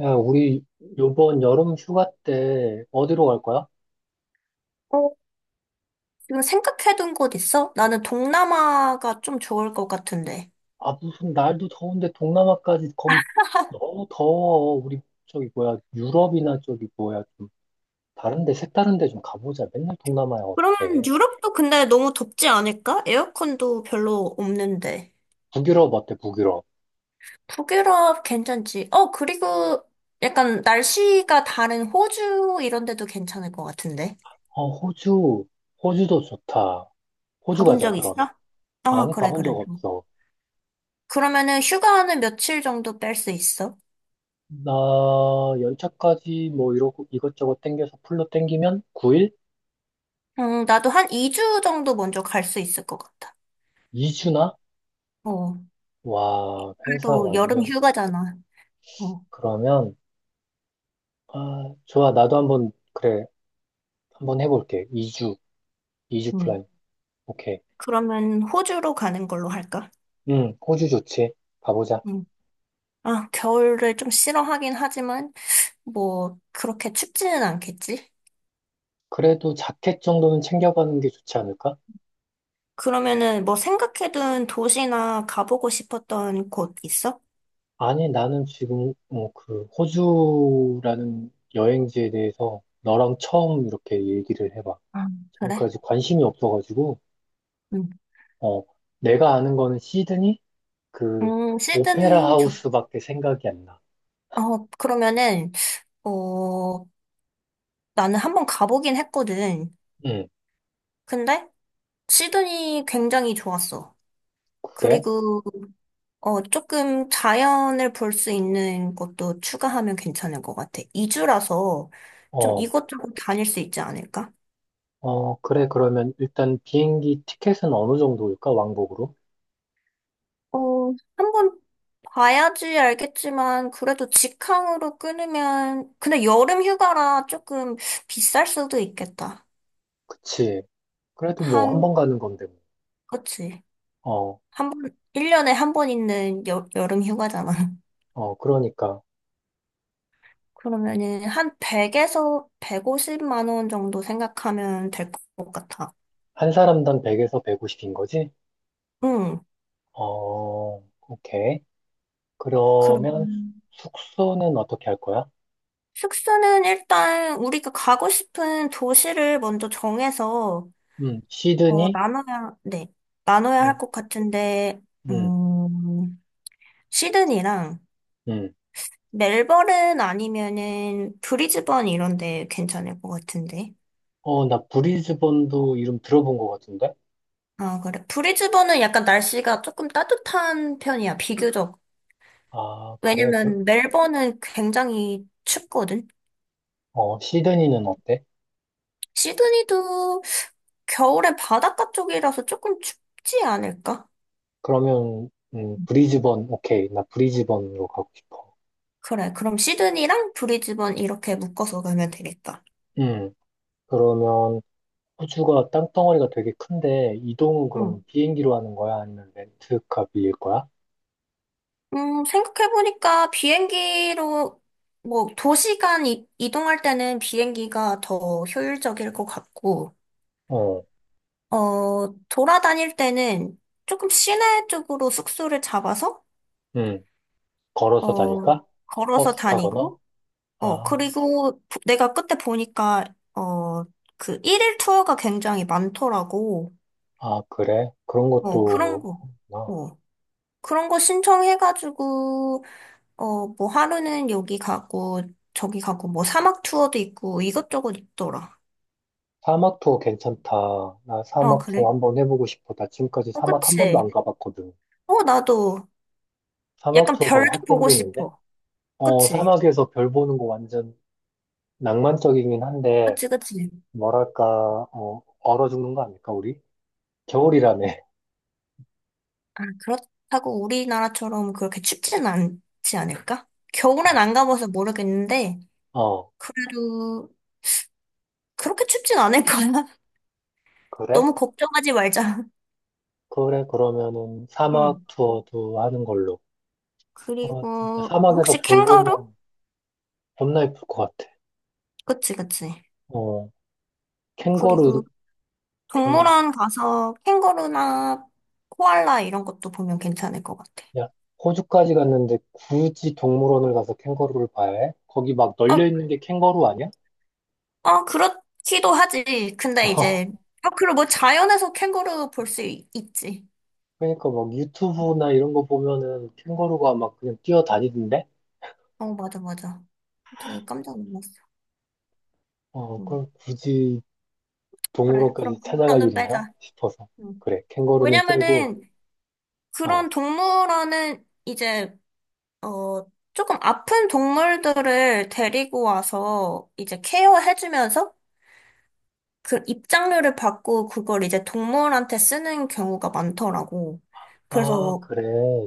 야, 우리 요번 여름 휴가 때 어디로 갈 거야? 어, 지금 생각해둔 곳 있어? 나는 동남아가 좀 좋을 것 같은데. 아, 무슨 날도 더운데 동남아까지 거기 너무 더워. 우리 유럽이나 좀 다른 데 색다른 데 좀 가보자. 맨날 동남아야 그럼 어떡해. 유럽도 근데 너무 덥지 않을까? 에어컨도 별로 없는데. 북유럽 어때, 북유럽? 북유럽 괜찮지? 그리고 약간 날씨가 다른 호주 이런 데도 괜찮을 것 같은데. 어, 호주. 호주도 좋다. 호주 가본 가자, 적 그러면. 있어? 아, 아니, 그래, 가본 적 그래. 좀. 없어. 그러면은 휴가는 며칠 정도 뺄 수 있어? 나 연차까지 뭐 이러고 이것저것 땡겨서 풀로 땡기면 9일? 나도 한 2주 정도 먼저 갈 수 있을 것 같아. 2주나? 어, 와, 회사 그래도 여름 완전. 휴가잖아. 어, 그러면. 아, 좋아. 나도 한번, 그래. 한번 해볼게. 2주, 이주 음. 플랜. 오케이. 그러면 호주로 가는 걸로 할까? 응, 호주 좋지. 가보자. 응. 아, 겨울을 좀 싫어하긴 하지만, 뭐, 그렇게 춥지는 않겠지? 그래도 자켓 정도는 챙겨가는 게 좋지 않을까? 그러면은 뭐 생각해둔 도시나 가보고 싶었던 곳 있어? 아니, 나는 지금, 호주라는 여행지에 대해서 너랑 처음 이렇게 얘기를 해봐. 아, 그래? 지금까지 관심이 없어가지고, 응. 어, 내가 아는 거는 시드니? 그, 오페라 시드니 좋. 하우스밖에 생각이 안 나. 그러면은, 어, 나는 한번 가보긴 했거든. 응, 근데 시드니 굉장히 좋았어. 그래? 그리고 조금 자연을 볼 수 있는 것도 추가하면 괜찮을 것 같아. 2주라서 좀 어, 이것저것 다닐 수 있지 않을까? 그래, 그러면 일단 비행기 티켓은 어느 정도일까? 왕복으로? 어, 한번 봐야지 알겠지만, 그래도 직항으로 끊으면, 근데 여름 휴가라 조금 비쌀 수도 있겠다. 그치. 그래도 뭐 한 번 한, 가는 건데, 뭐. 그치. 어, 한 번, 1년에 한 번 있는 여름 휴가잖아. 그러니까. 그러면은 한 100에서 150만 원 정도 생각하면 될 것 같아. 한 사람당 100에서 150인 거지? 응. 어, 오케이. 그럼. 그러면 숙소는 어떻게 할 거야? 숙소는 일단 우리가 가고 싶은 도시를 먼저 정해서, 시드니? 네, 나눠야 할 음, 것 같은데, 음, 음, 시드니랑 음. 멜버른 아니면은 브리즈번 이런 데 괜찮을 것 같은데. 어, 나 브리즈번도 이름 들어본 것 같은데? 아, 그래. 브리즈번은 약간 날씨가 조금 따뜻한 편이야, 비교적. 아, 그래. 왜냐면 멜버른 굉장히 춥거든. 어, 시드니는 어때? 시드니도 겨울엔 바닷가 쪽이라서 조금 춥지 않을까? 그러면, 브리즈번, 오케이. 나 브리즈번으로 가고 싶어. 그래. 그럼 시드니랑 브리즈번 이렇게 묶어서 가면 되겠다. 음. 그러면 호주가 땅덩어리가 되게 큰데 이동은 그러면 응. 비행기로 하는 거야? 아니면 렌트카 비일 거야? 생각해보니까 비행기로, 뭐, 도시간 이동할 때는 비행기가 더 효율적일 것 같고, 어, 돌아다닐 때는 조금 시내 쪽으로 숙소를 잡아서, 응 걸어서 어, 다닐까? 걸어서 버스 타거나? 다니고, 아, 그리고 내가 그때 보니까, 어, 그 1일 투어가 굉장히 많더라고. 아, 그래? 그런 어, 그런 것도 거. 나 어. 그런 거 신청해가지고, 뭐 하루는 여기 가고, 저기 가고, 뭐 사막 투어도 있고, 이것저것 있더라. 사막 투어 괜찮다. 나 아, 사막 투어 그래? 한번 해보고 싶어. 나 지금까지 어, 사막 한 번도 그치? 안 가봤거든. 나도 사막 약간 투어가 별도 확 보고 땡기는데? 싶어. 어, 그치? 사막에서 별 보는 거 완전 낭만적이긴 한데, 그치, 그치. 뭐랄까, 얼어 죽는 거 아닐까, 우리? 겨울이라며. 아, 그렇다고 우리나라처럼 그렇게 춥진 않지 않을까? 겨울엔 안 가봐서 모르겠는데, 아, 어, 그래도 그렇게 춥진 않을 거야. 그래? 너무 걱정하지 말자. 그래, 그러면은 사막 응. 투어도 하는 걸로. 아, 진짜 그리고, 사막에서 혹시 별 캥거루? 보면 겁나 예쁠 것 같아. 그치, 그치. 어, 그리고 캥거루, 캥거루. 동물원 가서 캥거루나 코알라 이런 것도 보면 괜찮을 것 같아. 야, 호주까지 갔는데 굳이 동물원을 가서 캥거루를 봐야 해? 거기 막 아, 널려 있는 게 캥거루 아니야? 아, 그렇기도 하지. 근데 이제, 아, 그리고 뭐 자연에서 캥거루 볼 수 있지. 그러니까 막 유튜브나 이런 거 보면은 캥거루가 막 그냥 뛰어다니던데? 어, 맞아, 맞아. 되게 깜짝 놀랐어. 어, 그 응. 럼 굳이 그래, 동물원까지 그럼 찾아갈 그거는 일인가? 빼자. 싶어서. 응. 그래, 캥거루는 빼고, 왜냐면은 어. 그런 동물원은 이제 어 조금 아픈 동물들을 데리고 와서 이제 케어해주면서 그 입장료를 받고 그걸 이제 동물한테 쓰는 경우가 많더라고. 아, 그래서 그래.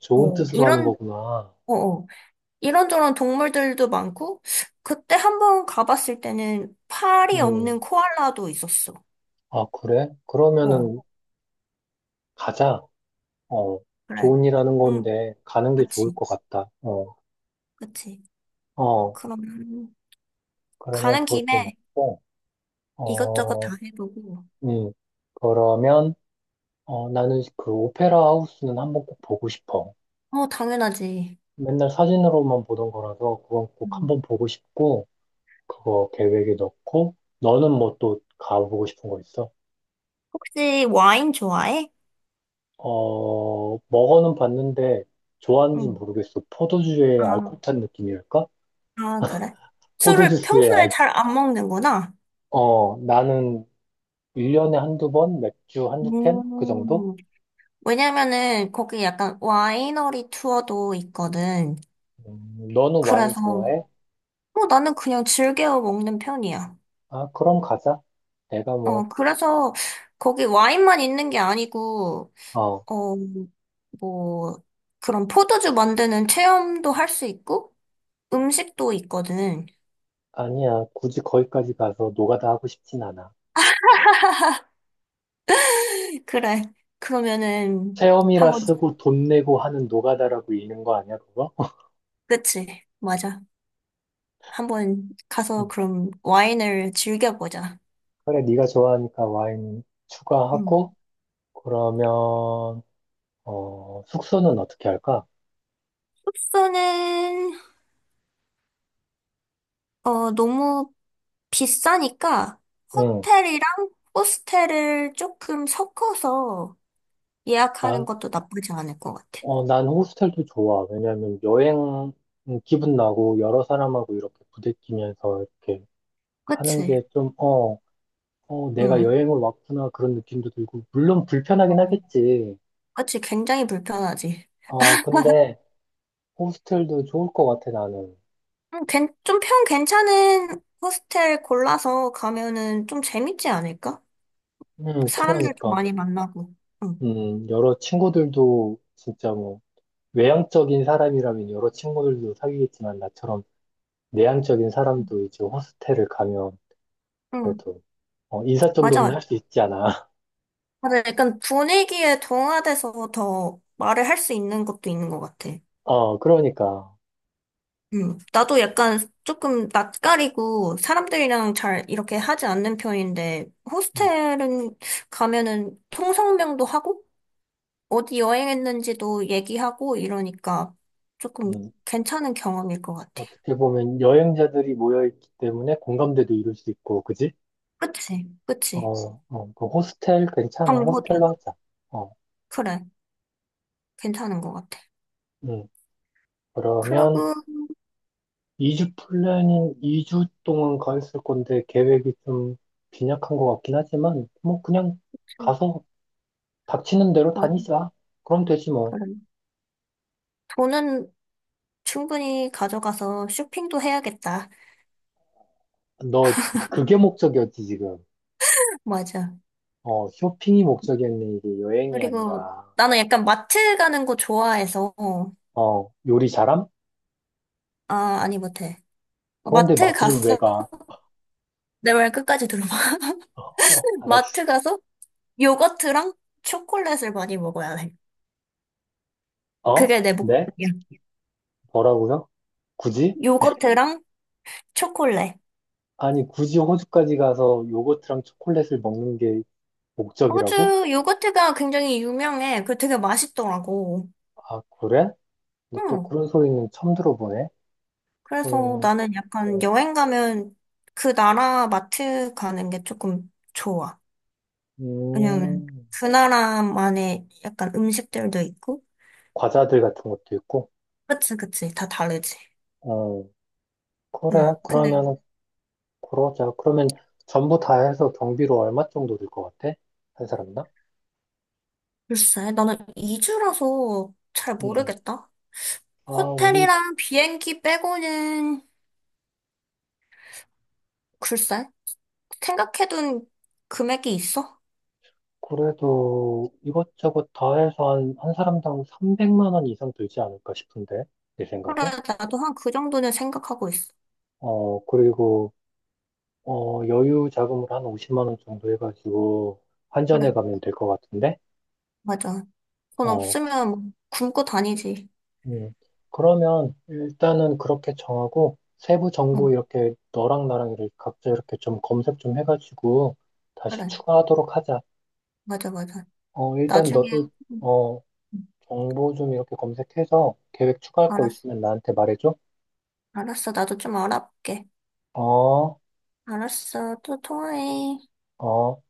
좋은 어 뜻으로 하는 이런 거구나. 어 어, 이런저런 동물들도 많고 그때 한번 가봤을 때는 팔이 음. 없는 코알라도 있었어. 아, 그래? 어 그러면은 가자. 어, 그래. 좋은 일 하는 동 건데 가는 게 좋을 그치, 것 같다. 그치. 어, 그럼 그러면 가는 김에 그것도 먹고, 이것저것 다 어, 해보고. 음, 그러면 나는 그 오페라 하우스는 한번 꼭 보고 싶어. 어 당연하지. 맨날 사진으로만 보던 거라서 그건 꼭 음. 한번 보고 싶고, 그거 계획에 넣고, 너는 뭐 또 가보고 싶은 거 있어? 혹시 와인 좋아해? 어, 먹어는 봤는데 좋아하는지 응. 모르겠어. 포도주의 알코올 아, 탄 느낌이랄까? 아 그래? 술을 포도주스의 평소에 잘 안 먹는구나. 어, 나는 1년에 한두 번, 맥주 한두 캔? 그 정도? 음, 왜냐면은 거기 약간 와이너리 투어도 있거든. 너는 와인 그래서 좋아해? 나는 그냥 즐겨 먹는 편이야. 아, 그럼 가자. 내가 뭐, 그래서 거기 와인만 있는 게 아니고 어, 어, 뭐 그런 포도주 만드는 체험도 할 수 있고 음식도 있거든. 아니야. 굳이 거기까지 가서 노가다 하고 싶진 않아. 그래. 그러면은 체험이라 한번. 쓰고 돈 내고 하는 노가다라고 읽는 거 아니야, 그거? 그치. 맞아. 한번 음, 가서 그럼 와인을 즐겨보자. 그래, 네가 좋아하니까 와인 음. 추가하고, 그러면, 숙소는 어떻게 할까? 소스는 너무 비싸니까 응, 호텔이랑 호스텔을 조금 섞어서 예약하는 것도 나쁘지 않을 것 같아. 어, 난 호스텔도 좋아. 왜냐면 여행 기분 나고 여러 사람하고 이렇게 부대끼면서 이렇게 하는 그치? 게 좀, 내가 응. 여행을 왔구나 그런 느낌도 들고, 물론 불편하긴 맞아. 하겠지. 그치? 굉장히 불편하지. 어, 근데 호스텔도 좋을 것 같아, 나는. 좀 평 괜찮은 호스텔 골라서 가면은 좀 재밌지 않을까? 사람들도 그러니까. 많이 만나고. 응. 여러 친구들도 진짜 뭐, 외향적인 사람이라면 여러 친구들도 사귀겠지만, 나처럼 내향적인 응. 사람도 이제 호스텔을 가면 응. 그래도, 인사 정도는 맞아. 할 수 있지 않아. 맞아. 약간 분위기에 동화돼서 더 말을 할 수 있는 것도 있는 것 같아. 어, 그러니까. 나도 약간 조금 낯가리고 사람들이랑 잘 이렇게 하지 않는 편인데, 음, 호스텔은 가면은 통성명도 하고, 어디 여행했는지도 얘기하고 이러니까 조금 음. 괜찮은 경험일 것 같아. 어떻게 보면 여행자들이 모여있기 때문에 공감대도 이룰 수 있고, 그지? 그치? 어, 그치? 그 호스텔 괜찮아. 정보도. 호스텔로 하자. 어, 그래. 괜찮은 것 같아. 음. 그러면 그러고, 2주 플랜인 2주 동안 가 있을 건데 계획이 좀 빈약한 것 같긴 하지만, 뭐 그냥 가서 닥치는 대로 맞아. 다니자. 그럼 되지 뭐. 그래. 돈은 충분히 가져가서 쇼핑도 해야겠다. 너 그게 목적이었지, 지금. 맞아. 어, 쇼핑이 목적이었네. 이게 여행이 그리고 아니라. 나는 약간 마트 가는 거 좋아해서, 어, 요리 잘함? 아, 아니, 못해. 그런데 마트 마트를 왜 가서, 가? 내 말 끝까지 들어봐. 어, 마트 알았어. 가서 요거트랑 초콜릿을 많이 먹어야 해. 어? 그게 내 네? 목표야. 뭐라고요? 굳이? 요거트랑 초콜릿. 아니, 굳이 호주까지 가서 요거트랑 초콜릿을 먹는 게 목적이라고? 호주 요거트가 굉장히 유명해. 그 되게 맛있더라고. 아, 그래? 근데 또 응. 그런 소리는 처음 들어보네. 그래서 그러면, 나는 약간 어, 여행 가면 그 나라 마트 가는 게 조금 좋아. 왜냐면 음, 그 나라만의 약간 음식들도 있고. 과자들 같은 것도 있고, 그치, 그치. 다 다르지. 어, 그래. 응. 근데 그러면, 그러자. 그러면 전부 다 해서 경비로 얼마 정도 들 것 같아? 한 사람당? 글쎄, 나는 이주라서 잘 음. 모르겠다. 아, 우리 호텔이랑 비행기 빼고는 글쎄, 생각해둔 금액이 있어? 그래도 이것저것 다 해서 한 사람당 300만 원 이상 들지 않을까 싶은데, 내 그래, 생각에. 나도 한 그 정도는 생각하고 있어. 어, 그리고, 여유 자금을 한 50만 원 정도 해가지고 환전해 그래, 가면 될 것 같은데, 맞아. 돈 어, 없으면 뭐 굶고 다니지. 음. 그러면 일단은 그렇게 정하고, 세부 정보 응, 이렇게 너랑 나랑 이렇게 각자 이렇게 좀 검색 좀 해가지고 다시 그래, 추가하도록 하자. 맞아, 맞아. 어, 일단 나중에, 너도, 응, 어, 응, 정보 좀 이렇게 검색해서 계획 추가할 거 알았어. 있으면 나한테 말해줘. 알았어, 나도 좀 알아볼게. 어. 알았어, 또 통화해. 어,